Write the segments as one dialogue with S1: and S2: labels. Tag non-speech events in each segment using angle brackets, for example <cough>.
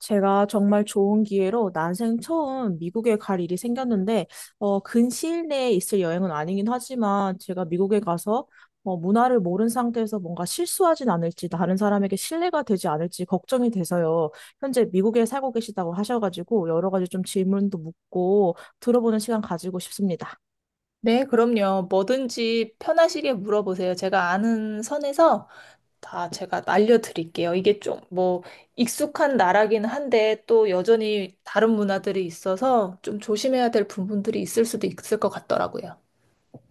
S1: 제가 정말 좋은 기회로 난생 처음 미국에 갈 일이 생겼는데, 근시일 내에 있을 여행은 아니긴 하지만, 제가 미국에 가서, 문화를 모른 상태에서 뭔가 실수하진 않을지, 다른 사람에게 신뢰가 되지 않을지 걱정이 돼서요. 현재 미국에 살고 계시다고 하셔가지고, 여러 가지 좀 질문도 묻고, 들어보는 시간 가지고 싶습니다.
S2: 네, 그럼요. 뭐든지 편하시게 물어보세요. 제가 아는 선에서 다 제가 알려드릴게요. 이게 좀 익숙한 나라긴 한데 또 여전히 다른 문화들이 있어서 좀 조심해야 될 부분들이 있을 수도 있을 것 같더라고요.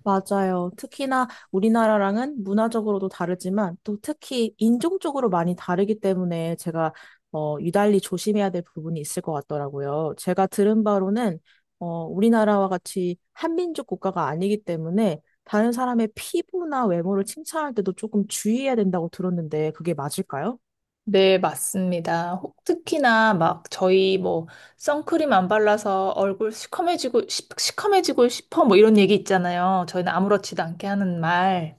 S1: 맞아요. 특히나 우리나라랑은 문화적으로도 다르지만 또 특히 인종적으로 많이 다르기 때문에 제가 유달리 조심해야 될 부분이 있을 것 같더라고요. 제가 들은 바로는 우리나라와 같이 한민족 국가가 아니기 때문에 다른 사람의 피부나 외모를 칭찬할 때도 조금 주의해야 된다고 들었는데 그게 맞을까요?
S2: 네, 맞습니다. 특히나 막 저희 선크림 안 발라서 얼굴 시커매지고 시커매지고 싶어 뭐 이런 얘기 있잖아요. 저희는 아무렇지도 않게 하는 말.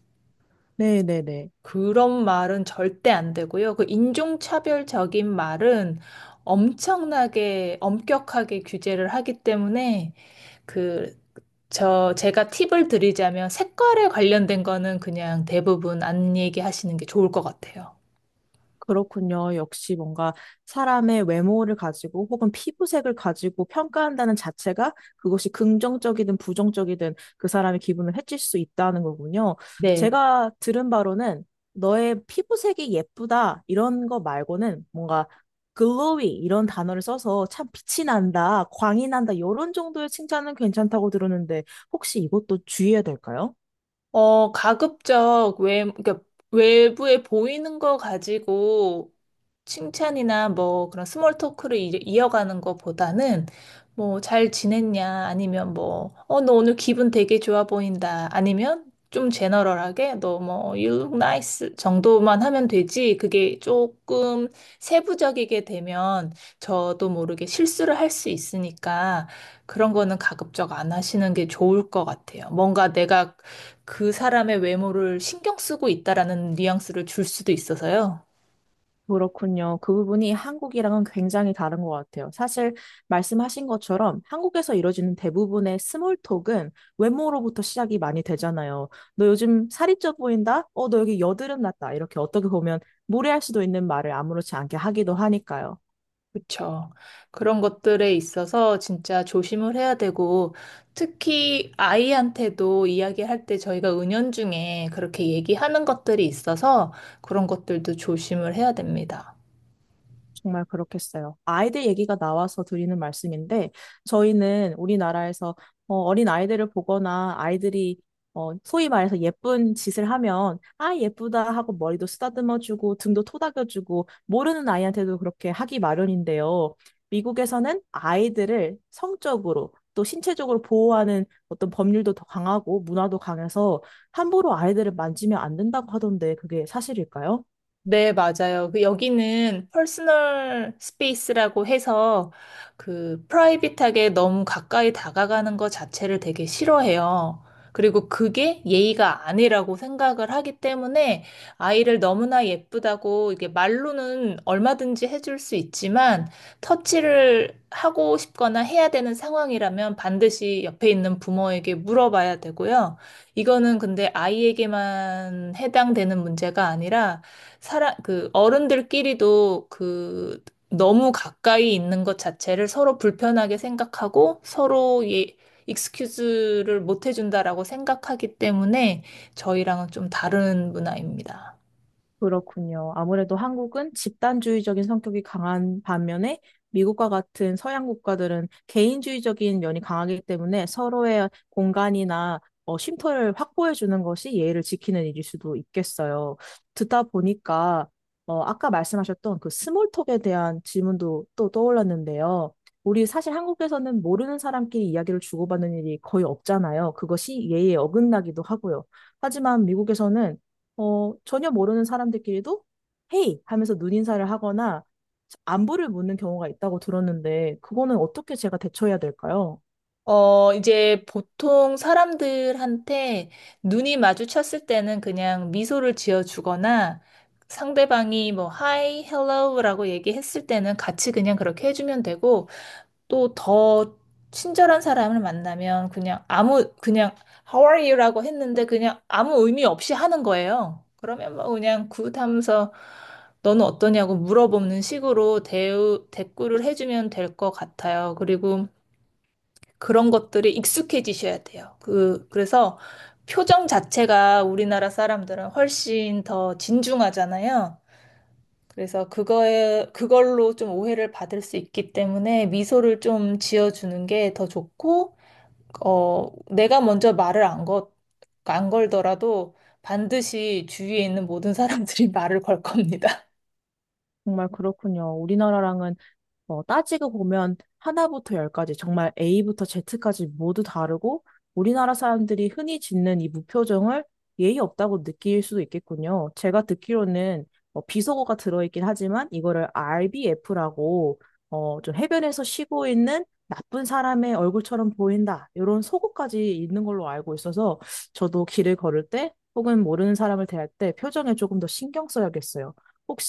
S1: 네네네.
S2: 그런 말은 절대 안 되고요. 그 인종차별적인 말은 엄청나게 엄격하게 규제를 하기 때문에 그, 제가 팁을 드리자면 색깔에 관련된 거는 그냥 대부분 안 얘기하시는 게 좋을 것 같아요.
S1: 그렇군요. 역시 뭔가 사람의 외모를 가지고 혹은 피부색을 가지고 평가한다는 자체가 그것이 긍정적이든 부정적이든 그 사람의 기분을 해칠 수 있다는 거군요.
S2: 네.
S1: 제가 들은 바로는 너의 피부색이 예쁘다 이런 거 말고는 뭔가 글로이 이런 단어를 써서 참 빛이 난다, 광이 난다 이런 정도의 칭찬은 괜찮다고 들었는데 혹시 이것도 주의해야 될까요?
S2: 가급적 그러니까 외부에 보이는 거 가지고 칭찬이나 뭐 그런 스몰 토크를 이어가는 것보다는 뭐 잘 지냈냐 아니면 뭐 너 오늘 기분 되게 좋아 보인다 아니면 좀 제너럴하게 너 뭐 you look nice 정도만 하면 되지 그게 조금 세부적이게 되면 저도 모르게 실수를 할 수 있으니까 그런 거는 가급적 안 하시는 게 좋을 것 같아요. 뭔가 내가 그 사람의 외모를 신경 쓰고 있다라는 뉘앙스를 줄 수도 있어서요.
S1: 그렇군요. 그 부분이 한국이랑은 굉장히 다른 것 같아요. 사실 말씀하신 것처럼 한국에서 이루어지는 대부분의 스몰톡은 외모로부터 시작이 많이 되잖아요. 너 요즘 살이 쪄 보인다? 너 여기 여드름 났다. 이렇게 어떻게 보면 무례할 수도 있는 말을 아무렇지 않게 하기도 하니까요.
S2: 그렇죠. 그런 것들에 있어서 진짜 조심을 해야 되고 특히 아이한테도 이야기할 때 저희가 은연중에 그렇게 얘기하는 것들이 있어서 그런 것들도 조심을 해야 됩니다.
S1: 정말 그렇겠어요. 아이들 얘기가 나와서 드리는 말씀인데, 저희는 우리나라에서 어린 아이들을 보거나 아이들이 소위 말해서 예쁜 짓을 하면, 아, 예쁘다 하고 머리도 쓰다듬어주고, 등도 토닥여주고, 모르는 아이한테도 그렇게 하기 마련인데요. 미국에서는 아이들을 성적으로 또 신체적으로 보호하는 어떤 법률도 더 강하고, 문화도 강해서 함부로 아이들을 만지면 안 된다고 하던데, 그게 사실일까요?
S2: 네, 맞아요. 그 여기는 퍼스널 스페이스라고 해서 그 프라이빗하게 너무 가까이 다가가는 것 자체를 되게 싫어해요. 그리고 그게 예의가 아니라고 생각을 하기 때문에 아이를 너무나 예쁘다고 이게 말로는 얼마든지 해줄 수 있지만 터치를 하고 싶거나 해야 되는 상황이라면 반드시 옆에 있는 부모에게 물어봐야 되고요. 이거는 근데 아이에게만 해당되는 문제가 아니라 그 어른들끼리도 그 너무 가까이 있는 것 자체를 서로 불편하게 생각하고 서로 익스큐즈를 못 해준다라고 생각하기 때문에 저희랑은 좀 다른 문화입니다.
S1: 그렇군요. 아무래도 한국은 집단주의적인 성격이 강한 반면에 미국과 같은 서양 국가들은 개인주의적인 면이 강하기 때문에 서로의 공간이나 쉼터를 확보해 주는 것이 예의를 지키는 일일 수도 있겠어요. 듣다 보니까 아까 말씀하셨던 그 스몰톡에 대한 질문도 또 떠올랐는데요. 우리 사실 한국에서는 모르는 사람끼리 이야기를 주고받는 일이 거의 없잖아요. 그것이 예의에 어긋나기도 하고요. 하지만 미국에서는 전혀 모르는 사람들끼리도 헤이 하면서 눈인사를 하거나 안부를 묻는 경우가 있다고 들었는데 그거는 어떻게 제가 대처해야 될까요?
S2: 이제 보통 사람들한테 눈이 마주쳤을 때는 그냥 미소를 지어주거나 상대방이 뭐, hi, hello라고 얘기했을 때는 같이 그냥 그렇게 해주면 되고, 또 더 친절한 사람을 만나면 그냥 How are you라고 했는데 그냥 아무 의미 없이 하는 거예요. 그러면 뭐 그냥 굿 하면서 너는 어떠냐고 물어보는 식으로 대우 대꾸를 해주면 될 것 같아요. 그리고 그런 것들이 익숙해지셔야 돼요. 그래서 표정 자체가 우리나라 사람들은 훨씬 더 진중하잖아요. 그래서 그걸로 좀 오해를 받을 수 있기 때문에 미소를 좀 지어주는 게 더 좋고, 어, 내가 먼저 말을 안 걸, 안 걸더라도 반드시 주위에 있는 모든 사람들이 <laughs> 말을 걸 겁니다.
S1: 정말 그렇군요. 우리나라랑은 따지고 보면 하나부터 열까지 정말 A부터 Z까지 모두 다르고 우리나라 사람들이 흔히 짓는 이 무표정을 예의 없다고 느낄 수도 있겠군요. 제가 듣기로는 비속어가 들어있긴 하지만 이거를 RBF라고 좀 해변에서 쉬고 있는 나쁜 사람의 얼굴처럼 보인다. 이런 속어까지 있는 걸로 알고 있어서 저도 길을 걸을 때 혹은 모르는 사람을 대할 때 표정에 조금 더 신경 써야겠어요.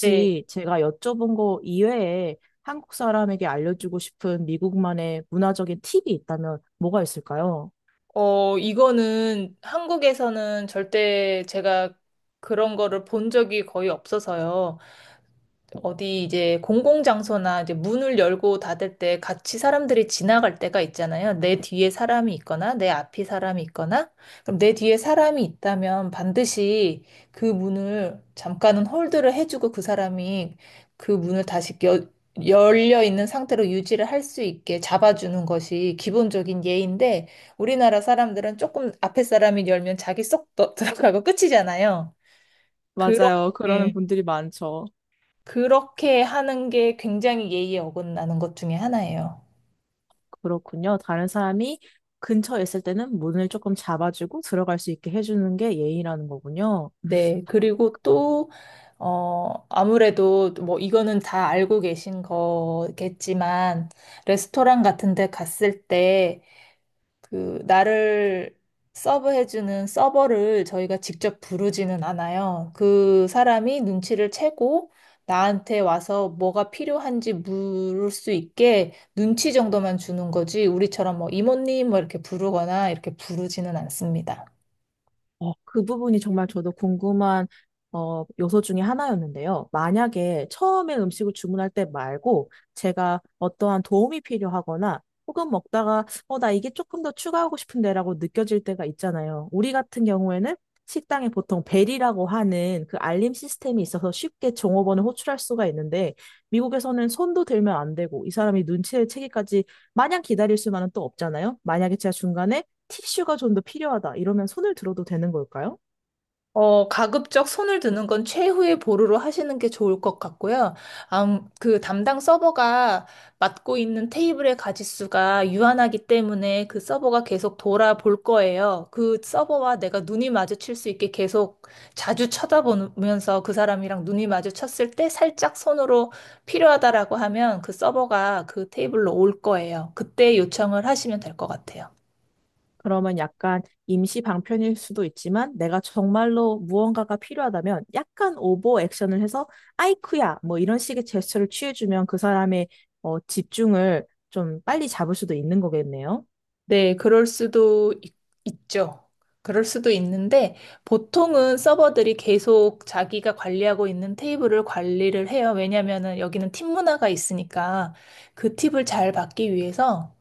S2: 네.
S1: 제가 여쭤본 거 이외에 한국 사람에게 알려주고 싶은 미국만의 문화적인 팁이 있다면 뭐가 있을까요?
S2: 이거는 한국에서는 절대 제가 그런 거를 본 적이 거의 없어서요. 어디 이제 공공장소나 이제 문을 열고 닫을 때 같이 사람들이 지나갈 때가 있잖아요. 내 뒤에 사람이 있거나 내 앞에 사람이 있거나. 그럼 내 뒤에 사람이 있다면 반드시 그 문을 잠깐은 홀드를 해주고 그 사람이 그 문을 열려 있는 상태로 유지를 할 수 있게 잡아주는 것이 기본적인 예인데 우리나라 사람들은 조금 앞에 사람이 열면 자기 <laughs> 들어가고 끝이잖아요.
S1: 맞아요. 그러는
S2: 그렇게
S1: 분들이 많죠.
S2: 그렇게 하는 게 굉장히 예의에 어긋나는 것 중에 하나예요.
S1: 그렇군요. 다른 사람이 근처에 있을 때는 문을 조금 잡아주고 들어갈 수 있게 해주는 게 예의라는 거군요.
S2: 네. 그리고 또, 아무래도 뭐 이거는 다 알고 계신 거겠지만, 레스토랑 같은 데 갔을 때 그 나를 서브해주는 서버를 저희가 직접 부르지는 않아요. 그 사람이 눈치를 채고 나한테 와서 뭐가 필요한지 물을 수 있게 눈치 정도만 주는 거지 우리처럼 뭐 이모님 뭐 이렇게 부르거나 이렇게 부르지는 않습니다.
S1: 그 부분이 정말 저도 궁금한 요소 중에 하나였는데요. 만약에 처음에 음식을 주문할 때 말고 제가 어떠한 도움이 필요하거나 혹은 먹다가 나 이게 조금 더 추가하고 싶은데라고 느껴질 때가 있잖아요. 우리 같은 경우에는 식당에 보통 벨이라고 하는 그 알림 시스템이 있어서 쉽게 종업원을 호출할 수가 있는데 미국에서는 손도 들면 안 되고 이 사람이 눈치를 채기까지 마냥 기다릴 수만은 또 없잖아요. 만약에 제가 중간에 티슈가 좀 더 필요하다. 이러면 손을 들어도 되는 걸까요?
S2: 가급적 손을 드는 건 최후의 보루로 하시는 게 좋을 것 같고요. 그 담당 서버가 맡고 있는 테이블의 가짓수가 유한하기 때문에 그 서버가 계속 돌아볼 거예요. 그 서버와 내가 눈이 마주칠 수 있게 계속 자주 쳐다보면서 그 사람이랑 눈이 마주쳤을 때 살짝 손으로 필요하다라고 하면 그 서버가 그 테이블로 올 거예요. 그때 요청을 하시면 될 것 같아요.
S1: 그러면 약간 임시 방편일 수도 있지만 내가 정말로 무언가가 필요하다면 약간 오버 액션을 해서 아이쿠야 뭐 이런 식의 제스처를 취해주면 그 사람의 집중을 좀 빨리 잡을 수도 있는 거겠네요.
S2: 네, 죠 그럴 수도 있는데 보통은 서버들이 계속 자기가 관리하고 있는 테이블을 관리를 해요. 왜냐면은 여기는 팀 문화가 있으니까 그 팁을 잘 받기 위해서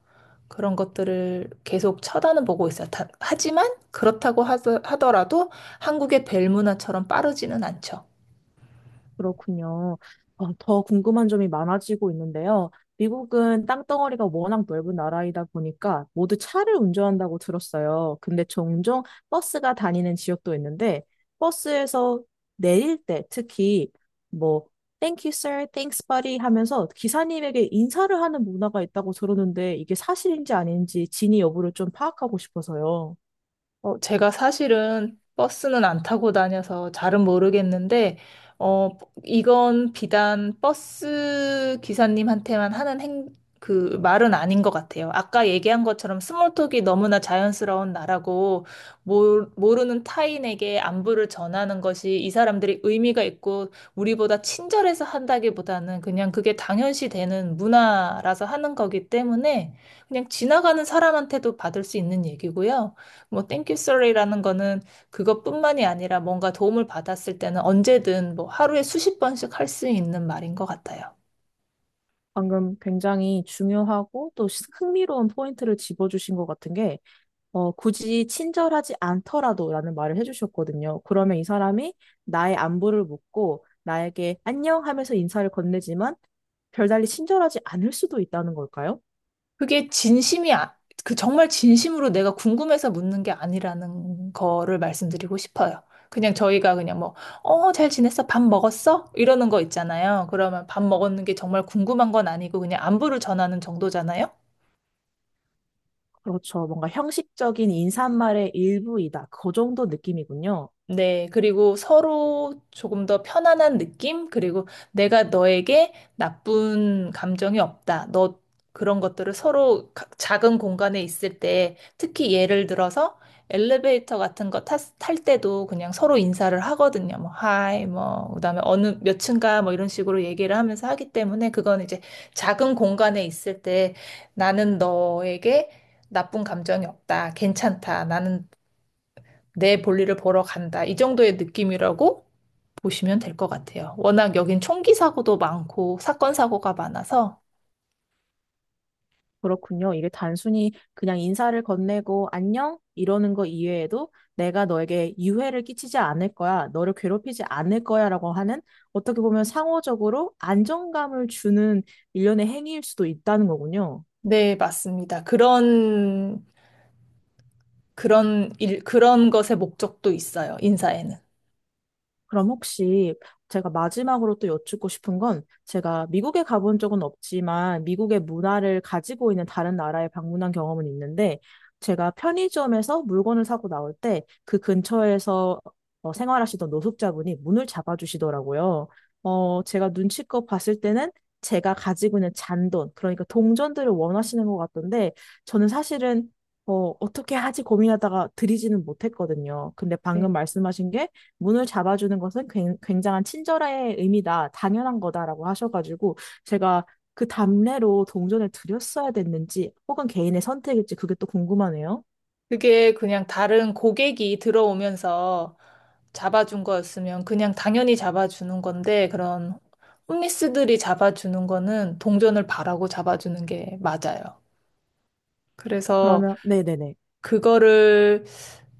S2: 그런 것들을 계속 쳐다는 보고 있어요. 다- 하지만 그렇다고 하 하더라도 한국의 벨 문화처럼 빠르지는 않죠.
S1: 그렇군요. 더 궁금한 점이 많아지고 있는데요. 미국은 땅덩어리가 워낙 넓은 나라이다 보니까 모두 차를 운전한다고 들었어요. 근데 종종 버스가 다니는 지역도 있는데 버스에서 내릴 때 특히 뭐 Thank you, sir. Thanks, buddy 하면서 기사님에게 인사를 하는 문화가 있다고 들었는데 이게 사실인지 아닌지 진위 여부를 좀 파악하고 싶어서요.
S2: 제가 사실은 버스는 안 타고 다녀서 잘은 모르겠는데, 어, 이건 비단 버스 기사님한테만 하는 그 말은 아닌 것 같아요. 아까 얘기한 것처럼 스몰톡이 너무나 자연스러운 나라고, 모르는 타인에게 안부를 전하는 것이 이 사람들이 의미가 있고, 우리보다 친절해서 한다기보다는 그냥 그게 당연시 되는 문화라서 하는 거기 때문에, 그냥 지나가는 사람한테도 받을 수 있는 얘기고요. 뭐 땡큐 쏘리라는 거는 그것뿐만이 아니라 뭔가 도움을 받았을 때는 언제든 뭐 하루에 수십 번씩 할 수 있는 말인 것 같아요.
S1: 방금 굉장히 중요하고 또 흥미로운 포인트를 짚어주신 것 같은 게 굳이 친절하지 않더라도라는 말을 해주셨거든요. 그러면 이 사람이 나의 안부를 묻고 나에게 안녕 하면서 인사를 건네지만 별달리 친절하지 않을 수도 있다는 걸까요?
S2: 그게 진심이 아- 그 정말 진심으로 내가 궁금해서 묻는 게 아니라는 거를 말씀드리고 싶어요. 그냥 저희가 그냥 뭐, 잘 지냈어? 밥 먹었어? 이러는 거 있잖아요. 그러면 밥 먹었는 게 정말 궁금한 건 아니고 그냥 안부를 전하는 정도잖아요.
S1: 그렇죠. 뭔가 형식적인 인사말의 일부이다. 그 정도 느낌이군요.
S2: 네, 그리고 서로 조금 더 편안한 느낌? 그리고 내가 너에게 나쁜 감정이 없다. 너 그런 것들을 작은 공간에 있을 때, 특히 예를 들어서 엘리베이터 같은 거 탈 때도 그냥 서로 인사를 하거든요. 뭐, 하이, 뭐, 그다음에 어느 몇 층가 뭐 이런 식으로 얘기를 하면서 하기 때문에 그건 이제 작은 공간에 있을 때 나는 너에게 나쁜 감정이 없다. 괜찮다. 나는 내 볼일을 보러 간다. 이 정도의 느낌이라고 보시면 될 것 같아요. 워낙 여긴 총기 사고도 많고 사건 사고가 많아서
S1: 그렇군요. 이게 단순히 그냥 인사를 건네고 안녕 이러는 거 이외에도 내가 너에게 유해를 끼치지 않을 거야, 너를 괴롭히지 않을 거야라고 하는 어떻게 보면 상호적으로 안정감을 주는 일련의 행위일 수도 있다는 거군요.
S2: 네, 맞습니다. 그런 일 그런 것의 목적도 있어요. 인사에는.
S1: 그럼 혹시 제가 마지막으로 또 여쭙고 싶은 건 제가 미국에 가본 적은 없지만 미국의 문화를 가지고 있는 다른 나라에 방문한 경험은 있는데 제가 편의점에서 물건을 사고 나올 때 그 근처에서 생활하시던 노숙자분이 문을 잡아주시더라고요. 제가 눈치껏 봤을 때는 제가 가지고 있는 잔돈, 그러니까 동전들을 원하시는 것 같던데 저는 사실은 어떻게 하지 고민하다가 드리지는 못했거든요. 근데
S2: 네.
S1: 방금 말씀하신 게 문을 잡아주는 것은 굉장한 친절의 의미다, 당연한 거다라고 하셔가지고 제가 그 답례로 동전을 드렸어야 됐는지 혹은 개인의 선택일지 그게 또 궁금하네요.
S2: 그게 그냥 다른 고객이 들어오면서 잡아준 거였으면 그냥 당연히 잡아주는 건데 그런 홈리스들이 잡아주는 거는 동전을 바라고 잡아주는 게 맞아요. 그래서
S1: 그러면 네네네.
S2: 그거를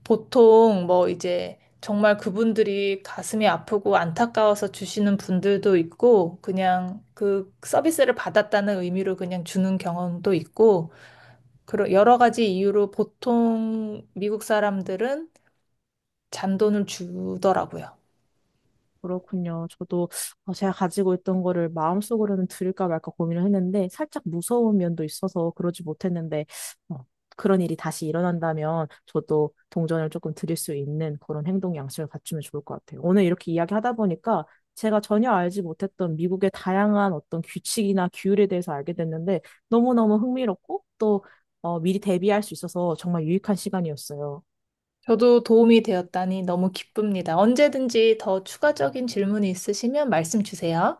S2: 보통 뭐 이제 정말 그분들이 가슴이 아프고 안타까워서 주시는 분들도 있고 그냥 그 서비스를 받았다는 의미로 그냥 주는 경험도 있고 그런 여러 가지 이유로 보통 미국 사람들은 잔돈을 주더라고요.
S1: 그렇군요. 저도 제가 가지고 있던 거를 마음속으로는 드릴까 말까 고민을 했는데 살짝 무서운 면도 있어서 그러지 못했는데 어, 그런 일이 다시 일어난다면 저도 동전을 조금 드릴 수 있는 그런 행동 양식을 갖추면 좋을 것 같아요. 오늘 이렇게 이야기하다 보니까 제가 전혀 알지 못했던 미국의 다양한 어떤 규칙이나 규율에 대해서 알게 됐는데 너무너무 흥미롭고 또 미리 대비할 수 있어서 정말 유익한 시간이었어요.
S2: 저도 도움이 되었다니 너무 기쁩니다. 언제든지 더 추가적인 질문이 있으시면 말씀 주세요.